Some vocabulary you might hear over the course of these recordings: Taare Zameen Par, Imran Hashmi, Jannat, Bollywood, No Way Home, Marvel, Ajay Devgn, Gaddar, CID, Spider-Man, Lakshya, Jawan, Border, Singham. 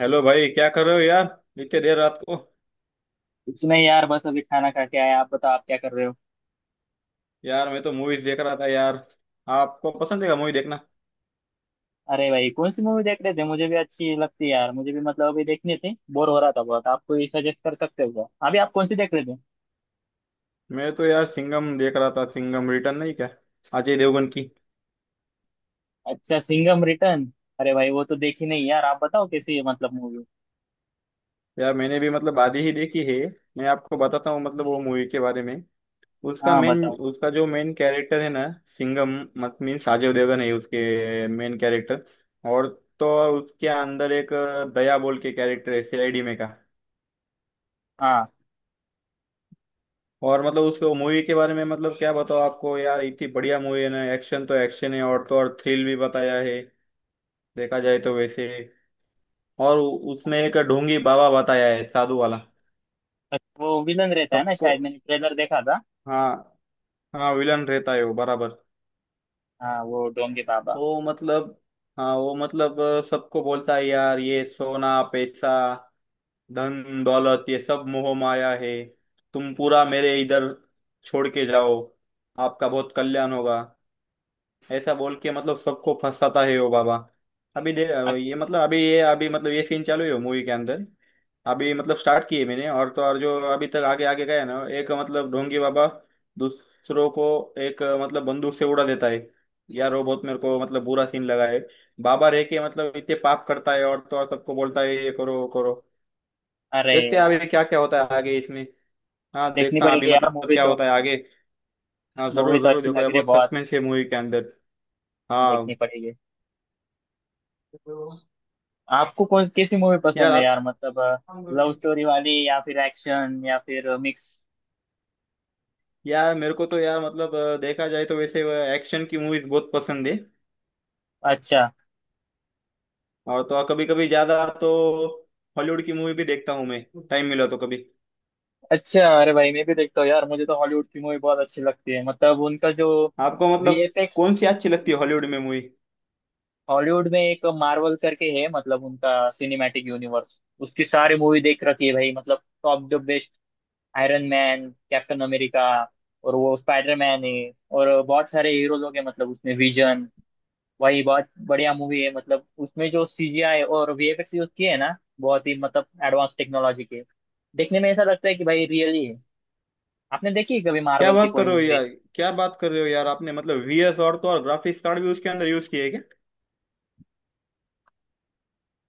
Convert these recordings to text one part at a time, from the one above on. Hello भाई, क्या कर रहे हो यार, इतने देर रात को। कुछ नहीं यार। बस अभी खाना खा के आए। आप बताओ आप क्या कर रहे हो। यार मैं तो मूवीज देख रहा था यार। आपको पसंद है क्या मूवी देखना? अरे भाई कौन सी मूवी देख रहे थे। मुझे भी अच्छी लगती है यार। मुझे भी मतलब अभी देखनी थी। बोर हो रहा था बहुत। आप कोई सजेस्ट कर सकते हो क्या। अभी आप कौन सी देख रहे थे। मैं तो यार सिंघम देख रहा था, सिंघम रिटर्न नहीं क्या, अजय देवगन की। अच्छा, सिंघम रिटर्न। अरे भाई वो तो देखी नहीं यार। आप बताओ कैसी है मतलब मूवी। यार मैंने भी आधी ही देखी है। मैं आपको बताता हूँ वो मूवी के बारे में। उसका हाँ मेन बताओ। उसका जो मेन कैरेक्टर है ना सिंघम, मत मीन्स अजय देवगन है उसके मेन कैरेक्टर। और तो और उसके अंदर एक दया बोल के कैरेक्टर है, सीआईडी में का। हाँ और उसके मूवी के बारे में क्या बताओ आपको यार, इतनी बढ़िया मूवी है ना। एक्शन तो एक्शन है, और तो और थ्रिल भी बताया है देखा जाए तो वैसे। और उसमें एक ढोंगी बाबा बताया है, साधु वाला। अच्छा, वो विलन रहता है ना। सबको शायद मैंने ट्रेलर देखा था। हाँ, हाँ विलन रहता है वो बराबर। हाँ वो डोंगे बाबा। वो मतलब हाँ वो सबको बोलता है यार ये सोना पैसा धन दौलत ये सब मोह माया है। तुम पूरा मेरे इधर छोड़ के जाओ, आपका बहुत कल्याण होगा। ऐसा बोल के सबको फंसाता है वो बाबा। अभी दे ये अच्छा। मतलब अभी ये अभी मतलब ये सीन चालू है मूवी के अंदर। अभी स्टार्ट किए मैंने। और तो और जो अभी तक आगे आगे गया ना, एक ढोंगी बाबा दूसरों को एक बंदूक से उड़ा देता है। यार वो बहुत मेरे को बुरा सीन लगा है। बाबा रह के इतने पाप करता है, और तो और सबको बोलता है ये करो वो करो। अरे देखते हैं यार अभी क्या क्या होता है आगे इसमें। हाँ, देखनी देखता हूँ अभी पड़ेगी यार मूवी क्या तो। होता है आगे। हाँ मूवी जरूर तो जरूर अच्छी देखो लग यार, रही है बहुत बहुत। सस्पेंस है मूवी के अंदर। देखनी हाँ पड़ेगी। आपको कौन कैसी मूवी यार पसंद है आप। यार मतलब। लव स्टोरी वाली या फिर एक्शन या फिर मिक्स। यार मेरे को तो यार देखा जाए तो वैसे एक्शन की मूवीज बहुत पसंद है। अच्छा। और तो कभी कभी ज्यादा तो हॉलीवुड की मूवी भी देखता हूँ मैं, टाइम मिला तो कभी। अच्छा अरे भाई मैं भी देखता हूँ यार। मुझे तो हॉलीवुड की मूवी बहुत अच्छी लगती है। मतलब उनका जो आपको वीएफएक्स। कौन सी अच्छी लगती है हॉलीवुड में मूवी? हॉलीवुड में एक मार्वल करके है, मतलब उनका सिनेमैटिक यूनिवर्स। उसकी सारी मूवी देख रखी है भाई, मतलब top the best. Iron Man, Captain America. और वो स्पाइडर मैन है। और बहुत सारे हीरो लोग हैं मतलब उसमें विजन। वही बहुत बढ़िया मूवी है। मतलब उसमें जो सीजीआई और वीएफएक्स यूज किए हैं ना, बहुत ही मतलब एडवांस टेक्नोलॉजी के। देखने में ऐसा लगता है कि भाई रियली है। आपने देखी है कभी क्या मार्वल की बात कोई कर रहे हो मूवी। यार। क्या बात कर रहे हो यार, आपने वीएस और तो और ग्राफिक्स कार्ड भी उसके अंदर यूज किए है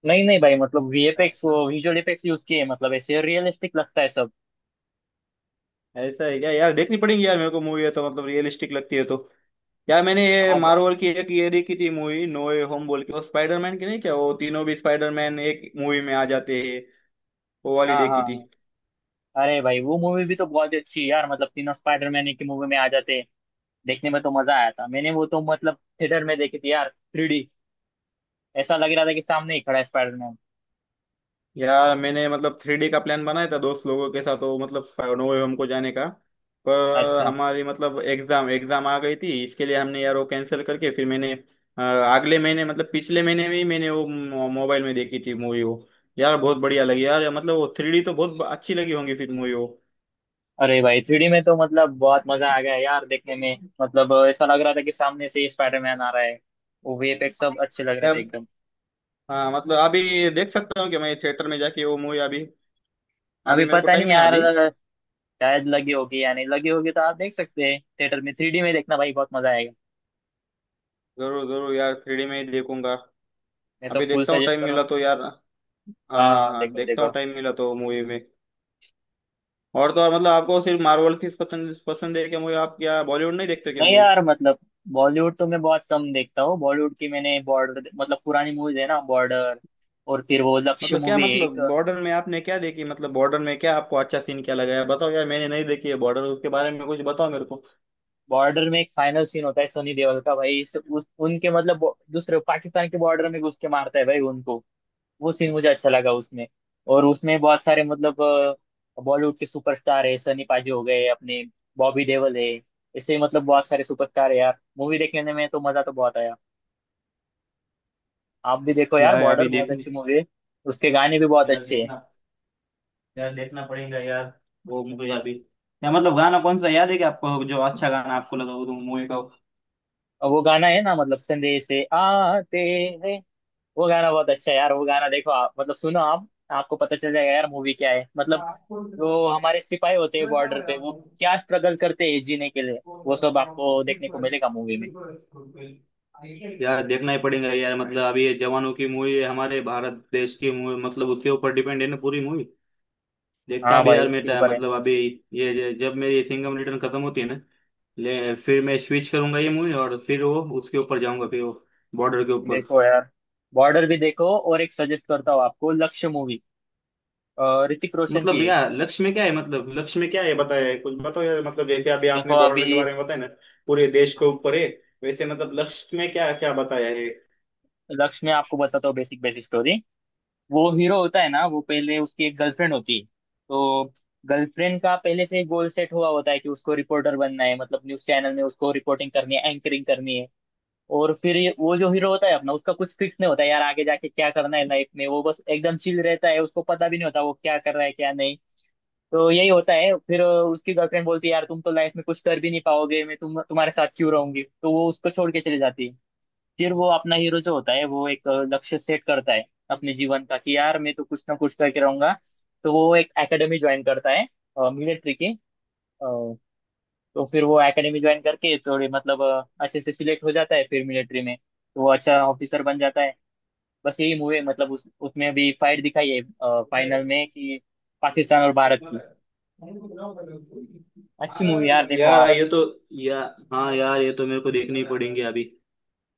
नहीं नहीं भाई, मतलब वीएफएक्स क्या? वो विजुअल इफेक्ट्स यूज किए हैं, मतलब ऐसे रियलिस्टिक लगता है सब। ऐसा है क्या यार, देखनी पड़ेगी यार मेरे को मूवी। है तो रियलिस्टिक लगती है तो। यार मैंने ये अब। मार्वल की एक ये देखी थी मूवी, नो वे होम बोल के। वो स्पाइडरमैन की नहीं क्या, वो तीनों भी स्पाइडरमैन एक मूवी में आ जाते हैं, वो वाली हाँ देखी थी। हाँ। अरे भाई वो मूवी भी तो बहुत अच्छी है यार। मतलब तीनों स्पाइडरमैन की मूवी में आ जाते हैं। देखने में तो मजा आया था। मैंने वो तो मतलब थिएटर में देखी थी यार। Three D. ऐसा लग रहा था कि सामने ही खड़ा है स्पाइडरमैन। यार मैंने 3D का प्लान बनाया था दोस्त लोगों के साथ वो नो वे होम को जाने का। पर अच्छा। हमारी एग्जाम एग्जाम आ गई थी, इसके लिए हमने यार वो कैंसिल करके फिर मैंने अगले महीने पिछले महीने में ही मैंने वो मोबाइल में देखी थी मूवी वो। यार बहुत बढ़िया लगी यार। वो 3D तो बहुत अच्छी लगी होंगी फिर मूवी अरे भाई थ्री डी में तो मतलब बहुत मजा आ गया यार। देखने में मतलब ऐसा लग रहा था कि सामने से ही स्पाइडरमैन आ रहा है। वो वीएफएक्स सब अच्छे लग रहे वो। थे एकदम। हाँ अभी देख सकता हूँ कि मैं थिएटर में जाके वो मूवी अभी, अभी अभी मेरे को पता नहीं टाइम है यार। अभी। शायद लगी होगी या नहीं, लगी होगी तो आप देख सकते हैं थिएटर में। थ्री डी में देखना भाई, बहुत मजा आएगा। जरूर जरूर यार, 3D में ही देखूंगा। मैं तो अभी फुल देखता हूँ, सजेस्ट टाइम करूँ। मिला तो यार, हाँ। हाँ हाँ, हाँ देखो देखता देखो। हूँ टाइम मिला तो मूवी में। और तो और आपको सिर्फ मार्वल की पसंद पसंद है क्या मूवी? आप क्या बॉलीवुड नहीं देखते क्या नहीं मूवी? यार मतलब बॉलीवुड तो मैं बहुत कम देखता हूँ। बॉलीवुड की मैंने बॉर्डर, मतलब पुरानी मूवीज है ना, बॉर्डर। और फिर वो लक्ष्य मतलब क्या मूवी है मतलब एक, बॉर्डर में आपने क्या देखी, बॉर्डर में क्या आपको अच्छा सीन क्या लगा यार, बताओ यार। मैंने नहीं देखी है बॉर्डर, उसके बारे में कुछ बताओ मेरे को। बॉर्डर में एक फाइनल सीन होता है सनी देओल का भाई उनके मतलब दूसरे पाकिस्तान के बॉर्डर में घुस के मारता है भाई उनको। वो सीन मुझे अच्छा लगा उसमें। और उसमें बहुत सारे मतलब बॉलीवुड के सुपरस्टार है। सनी पाजी हो गए अपने। बॉबी देओल है। ऐसे मतलब बहुत सारे सुपरस्टार है यार। मूवी देखने में तो मजा तो बहुत आया। आप भी देखो यार, यार बॉर्डर अभी बहुत देखनी। अच्छी मूवी है। उसके गाने भी बहुत यार अच्छे हैं। देखना, यार देखना पड़ेगा यार वो मूवी अभी। या गाना कौन सा याद है क्या आपको, जो अच्छा गाना आपको लगा वो तो मूवी का? और वो गाना है ना, मतलब संदेश से आते हैं। वो गाना बहुत अच्छा है यार। वो गाना देखो आप, मतलब सुनो आप, आपको पता चल जाएगा यार मूवी क्या है मतलब। जो हमारे सिपाही होते हैं बॉर्डर पे, वो क्या स्ट्रगल करते हैं जीने के लिए, वो सब आपको देखने को मिलेगा मूवी में। यार देखना ही पड़ेगा यार। अभी ये जवानों की मूवी है, हमारे भारत देश की मूवी, उसके ऊपर डिपेंड है ना पूरी मूवी। देखता हाँ भी भाई यार उसके मेरा ऊपर है। अभी ये, जब मेरी सिंघम रिटर्न खत्म होती है ना, ले फिर मैं स्विच करूंगा ये मूवी, और फिर वो उसके ऊपर जाऊंगा फिर, वो बॉर्डर के ऊपर। देखो यार, बॉर्डर भी देखो। और एक सजेस्ट करता हूँ आपको, लक्ष्य मूवी। ऋतिक रोशन की है। भैया लक्ष्य में क्या है, लक्ष्य में क्या है बताया है, कुछ बताओ यार। जैसे अभी देखो आपने बॉर्डर के अभी। बारे में बताया ना, पूरे देश के ऊपर है, वैसे लक्ष्य में क्या क्या बताया है? लक्ष्य में आपको बताता हूँ बेसिक बेसिक स्टोरी। वो हीरो होता है ना, वो पहले उसकी एक गर्लफ्रेंड होती है। तो गर्लफ्रेंड का पहले से गोल सेट हुआ होता है कि उसको रिपोर्टर बनना है, मतलब न्यूज चैनल में उसको रिपोर्टिंग करनी है, एंकरिंग करनी है। और फिर ये वो जो हीरो होता है अपना, उसका कुछ फिक्स नहीं होता है यार आगे जाके क्या करना है लाइफ में। वो बस एकदम चिल रहता है, उसको पता भी नहीं होता वो क्या कर रहा है क्या नहीं। तो यही होता है फिर उसकी गर्लफ्रेंड बोलती है यार तुम तो लाइफ में कुछ कर भी नहीं पाओगे, मैं तुम्हारे साथ क्यों रहूंगी। तो वो उसको छोड़ के चली जाती है। फिर वो अपना हीरो जो होता है, वो एक लक्ष्य सेट करता है अपने जीवन का कि यार मैं तो कुछ ना कुछ करके रहूंगा। तो वो एक एकेडमी ज्वाइन करता है, मिलिट्री की। तो फिर वो एकेडमी ज्वाइन करके थोड़े मतलब अच्छे से सिलेक्ट हो जाता है फिर मिलिट्री में, तो वो अच्छा ऑफिसर बन जाता है। बस यही मूवी मतलब उस उसमें भी फाइट दिखाई है फाइनल में कि पाकिस्तान और भारत की। अच्छी मूवी यार, देखो यार आप। ये तो, या हाँ यार ये तो मेरे को देखने ही पड़ेंगे अभी।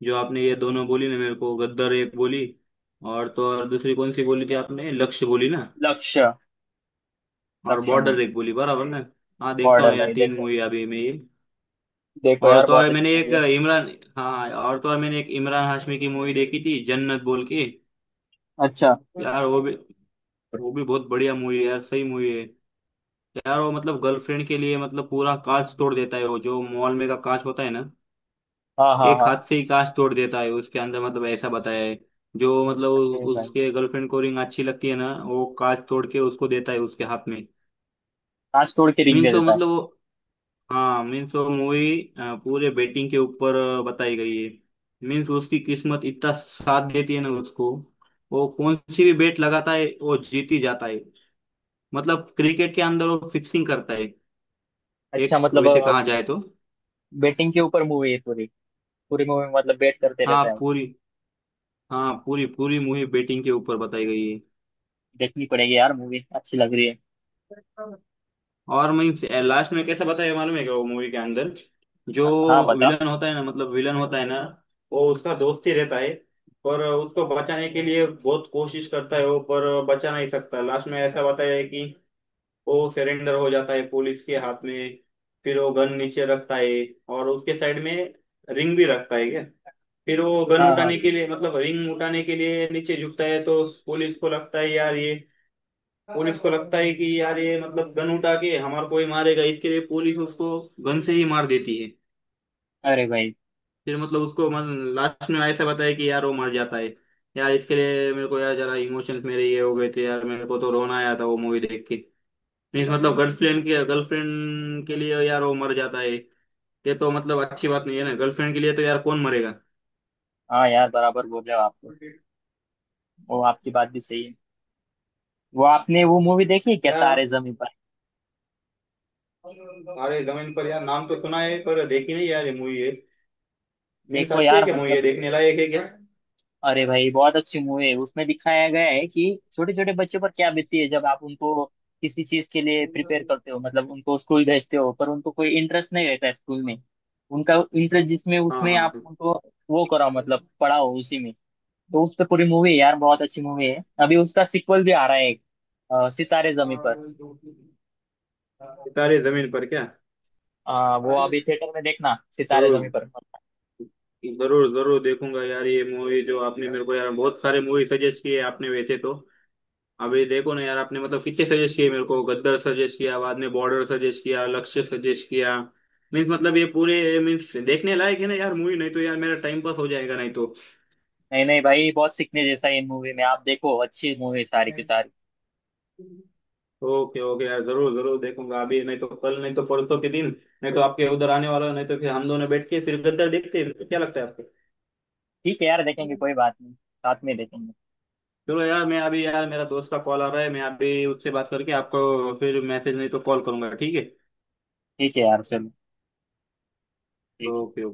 जो आपने ये दोनों बोली ना, मेरे को गद्दर एक बोली, और तो और दूसरी कौन सी बोली थी आपने, लक्ष्य बोली ना। लक्ष्य, और लक्ष्य मूवी। बॉर्डर एक बोली बराबर ना। हाँ देखता हूँ बॉर्डर यार भाई 3 देखो। मूवी अभी मैं ये। देखो और यार तो बहुत और अच्छी मैंने एक मूवी है। इमरान हाँ और तो और मैंने एक इमरान हाशमी की मूवी देखी थी, जन्नत बोल के। अच्छा। यार वो भी, वो भी बहुत बढ़िया मूवी है यार, सही मूवी है। यार वो गर्लफ्रेंड के लिए पूरा कांच तोड़ देता है, वो जो मॉल में का कांच होता है ना, हाँ हाँ एक हाँ। हाथ से ही कांच तोड़ देता है उसके अंदर, ऐसा बताया है। जो अरे भाई उसके गर्लफ्रेंड को रिंग अच्छी लगती है ना, वो कांच तोड़ के उसको देता है उसके हाथ में। कांच तोड़ के रिंग दे मीन्स वो देता है। मतलब वो हाँ मीन्स वो मूवी पूरे बेटिंग के ऊपर बताई गई है। मीन्स उसकी किस्मत इतना साथ देती है ना उसको, वो कौन सी भी बेट लगाता है वो जीत ही जाता है। क्रिकेट के अंदर वो फिक्सिंग करता है अच्छा एक, मतलब वैसे कहा जाए तो। बेटिंग के ऊपर मूवी है पूरी। पूरी मूवी मतलब बेट करते हाँ रहता है वो। पूरी, हाँ पूरी पूरी मूवी बेटिंग के ऊपर बताई गई है। देखनी पड़ेगी यार, मूवी अच्छी लग रही है। और मीन्स लास्ट में कैसा बताया मालूम है क्या वो मूवी के अंदर? जो हाँ बता। विलन होता है ना, विलन होता है ना, वो उसका दोस्त ही रहता है। पर उसको बचाने के लिए बहुत कोशिश करता है वो, पर बचा नहीं सकता। लास्ट में ऐसा बताया है कि वो सरेंडर हो जाता है पुलिस के हाथ में। फिर वो गन नीचे रखता है और उसके साइड में रिंग भी रखता है। फिर वो गन हाँ उठाने हाँ। के लिए रिंग उठाने के लिए नीचे झुकता है, तो पुलिस को लगता है यार ये, पुलिस को लगता है कि यार ये गन उठा के हमारे को ही मारेगा, इसके लिए पुलिस उसको गन से ही मार देती है। अरे भाई। फिर लास्ट में ऐसा बताया कि यार वो मर जाता है। यार इसके लिए मेरे को यार जरा इमोशंस मेरे ये हो गए थे यार, मेरे को तो रोना आया था वो मूवी देख के। मीन्स गर्लफ्रेंड के लिए यार वो मर जाता है। ये तो अच्छी बात नहीं है ना, गर्लफ्रेंड के लिए तो यार कौन मरेगा। हाँ यार बराबर बोल रहे हो आप तो। वो आपकी बात भी सही है। वो आपने वो मूवी देखी है क्या, तारे जमीन पर। अरे जमीन पर यार, नाम तो सुना है पर देखी नहीं यार, ये मूवी है? मीन्स देखो अच्छी है यार क्या, मूवी मतलब। है देखने लायक है क्या? अरे भाई बहुत अच्छी मूवी है। उसमें दिखाया गया है कि छोटे छोटे बच्चों पर क्या बीतती है जब आप उनको किसी चीज के लिए प्रिपेयर करते हो, मतलब उनको स्कूल भेजते हो पर उनको कोई इंटरेस्ट नहीं रहता है स्कूल में। उनका इंटरेस्ट जिसमें, हाँ उसमें हाँ आप हाँ, उनको वो कराओ, मतलब पढ़ाओ उसी में। तो उस पर पूरी मूवी है यार, बहुत अच्छी मूवी है। अभी उसका सिक्वल भी आ रहा है एक, सितारे जमीन पर। तारे जमीन पर क्या? वो अभी थिएटर में देखना, सितारे जमी जरूर, पर। जरूर जरूर देखूंगा यार ये मूवी। जो आपने मेरे को यार बहुत सारे मूवी सजेस्ट किए आपने वैसे तो। अभी देखो ना यार, आपने कितने सजेस्ट किए मेरे को, गद्दर सजेस्ट किया, बाद में बॉर्डर सजेस्ट किया, लक्ष्य सजेस्ट किया। मीन्स ये पूरे मीन्स देखने लायक है ना यार मूवी, नहीं तो यार मेरा टाइम पास हो जाएगा नहीं तो। नहीं नहीं भाई, बहुत सीखने जैसा है इन मूवी में, आप देखो अच्छी मूवी सारी की सारी। ओके ओके यार, जरूर जरूर देखूंगा, अभी नहीं तो कल नहीं तो परसों के दिन, नहीं तो आपके उधर आने वाला। नहीं तो फिर हम दोनों बैठ के फिर गद्दार देखते हैं, क्या लगता है आपको? ठीक है यार देखेंगे, कोई बात नहीं साथ में देखेंगे। चलो यार मैं अभी, यार मेरा दोस्त का कॉल आ रहा है, मैं अभी उससे बात करके आपको फिर मैसेज नहीं तो कॉल करूंगा, ठीक है। ठीक है यार चलो। ठीक है। ओके।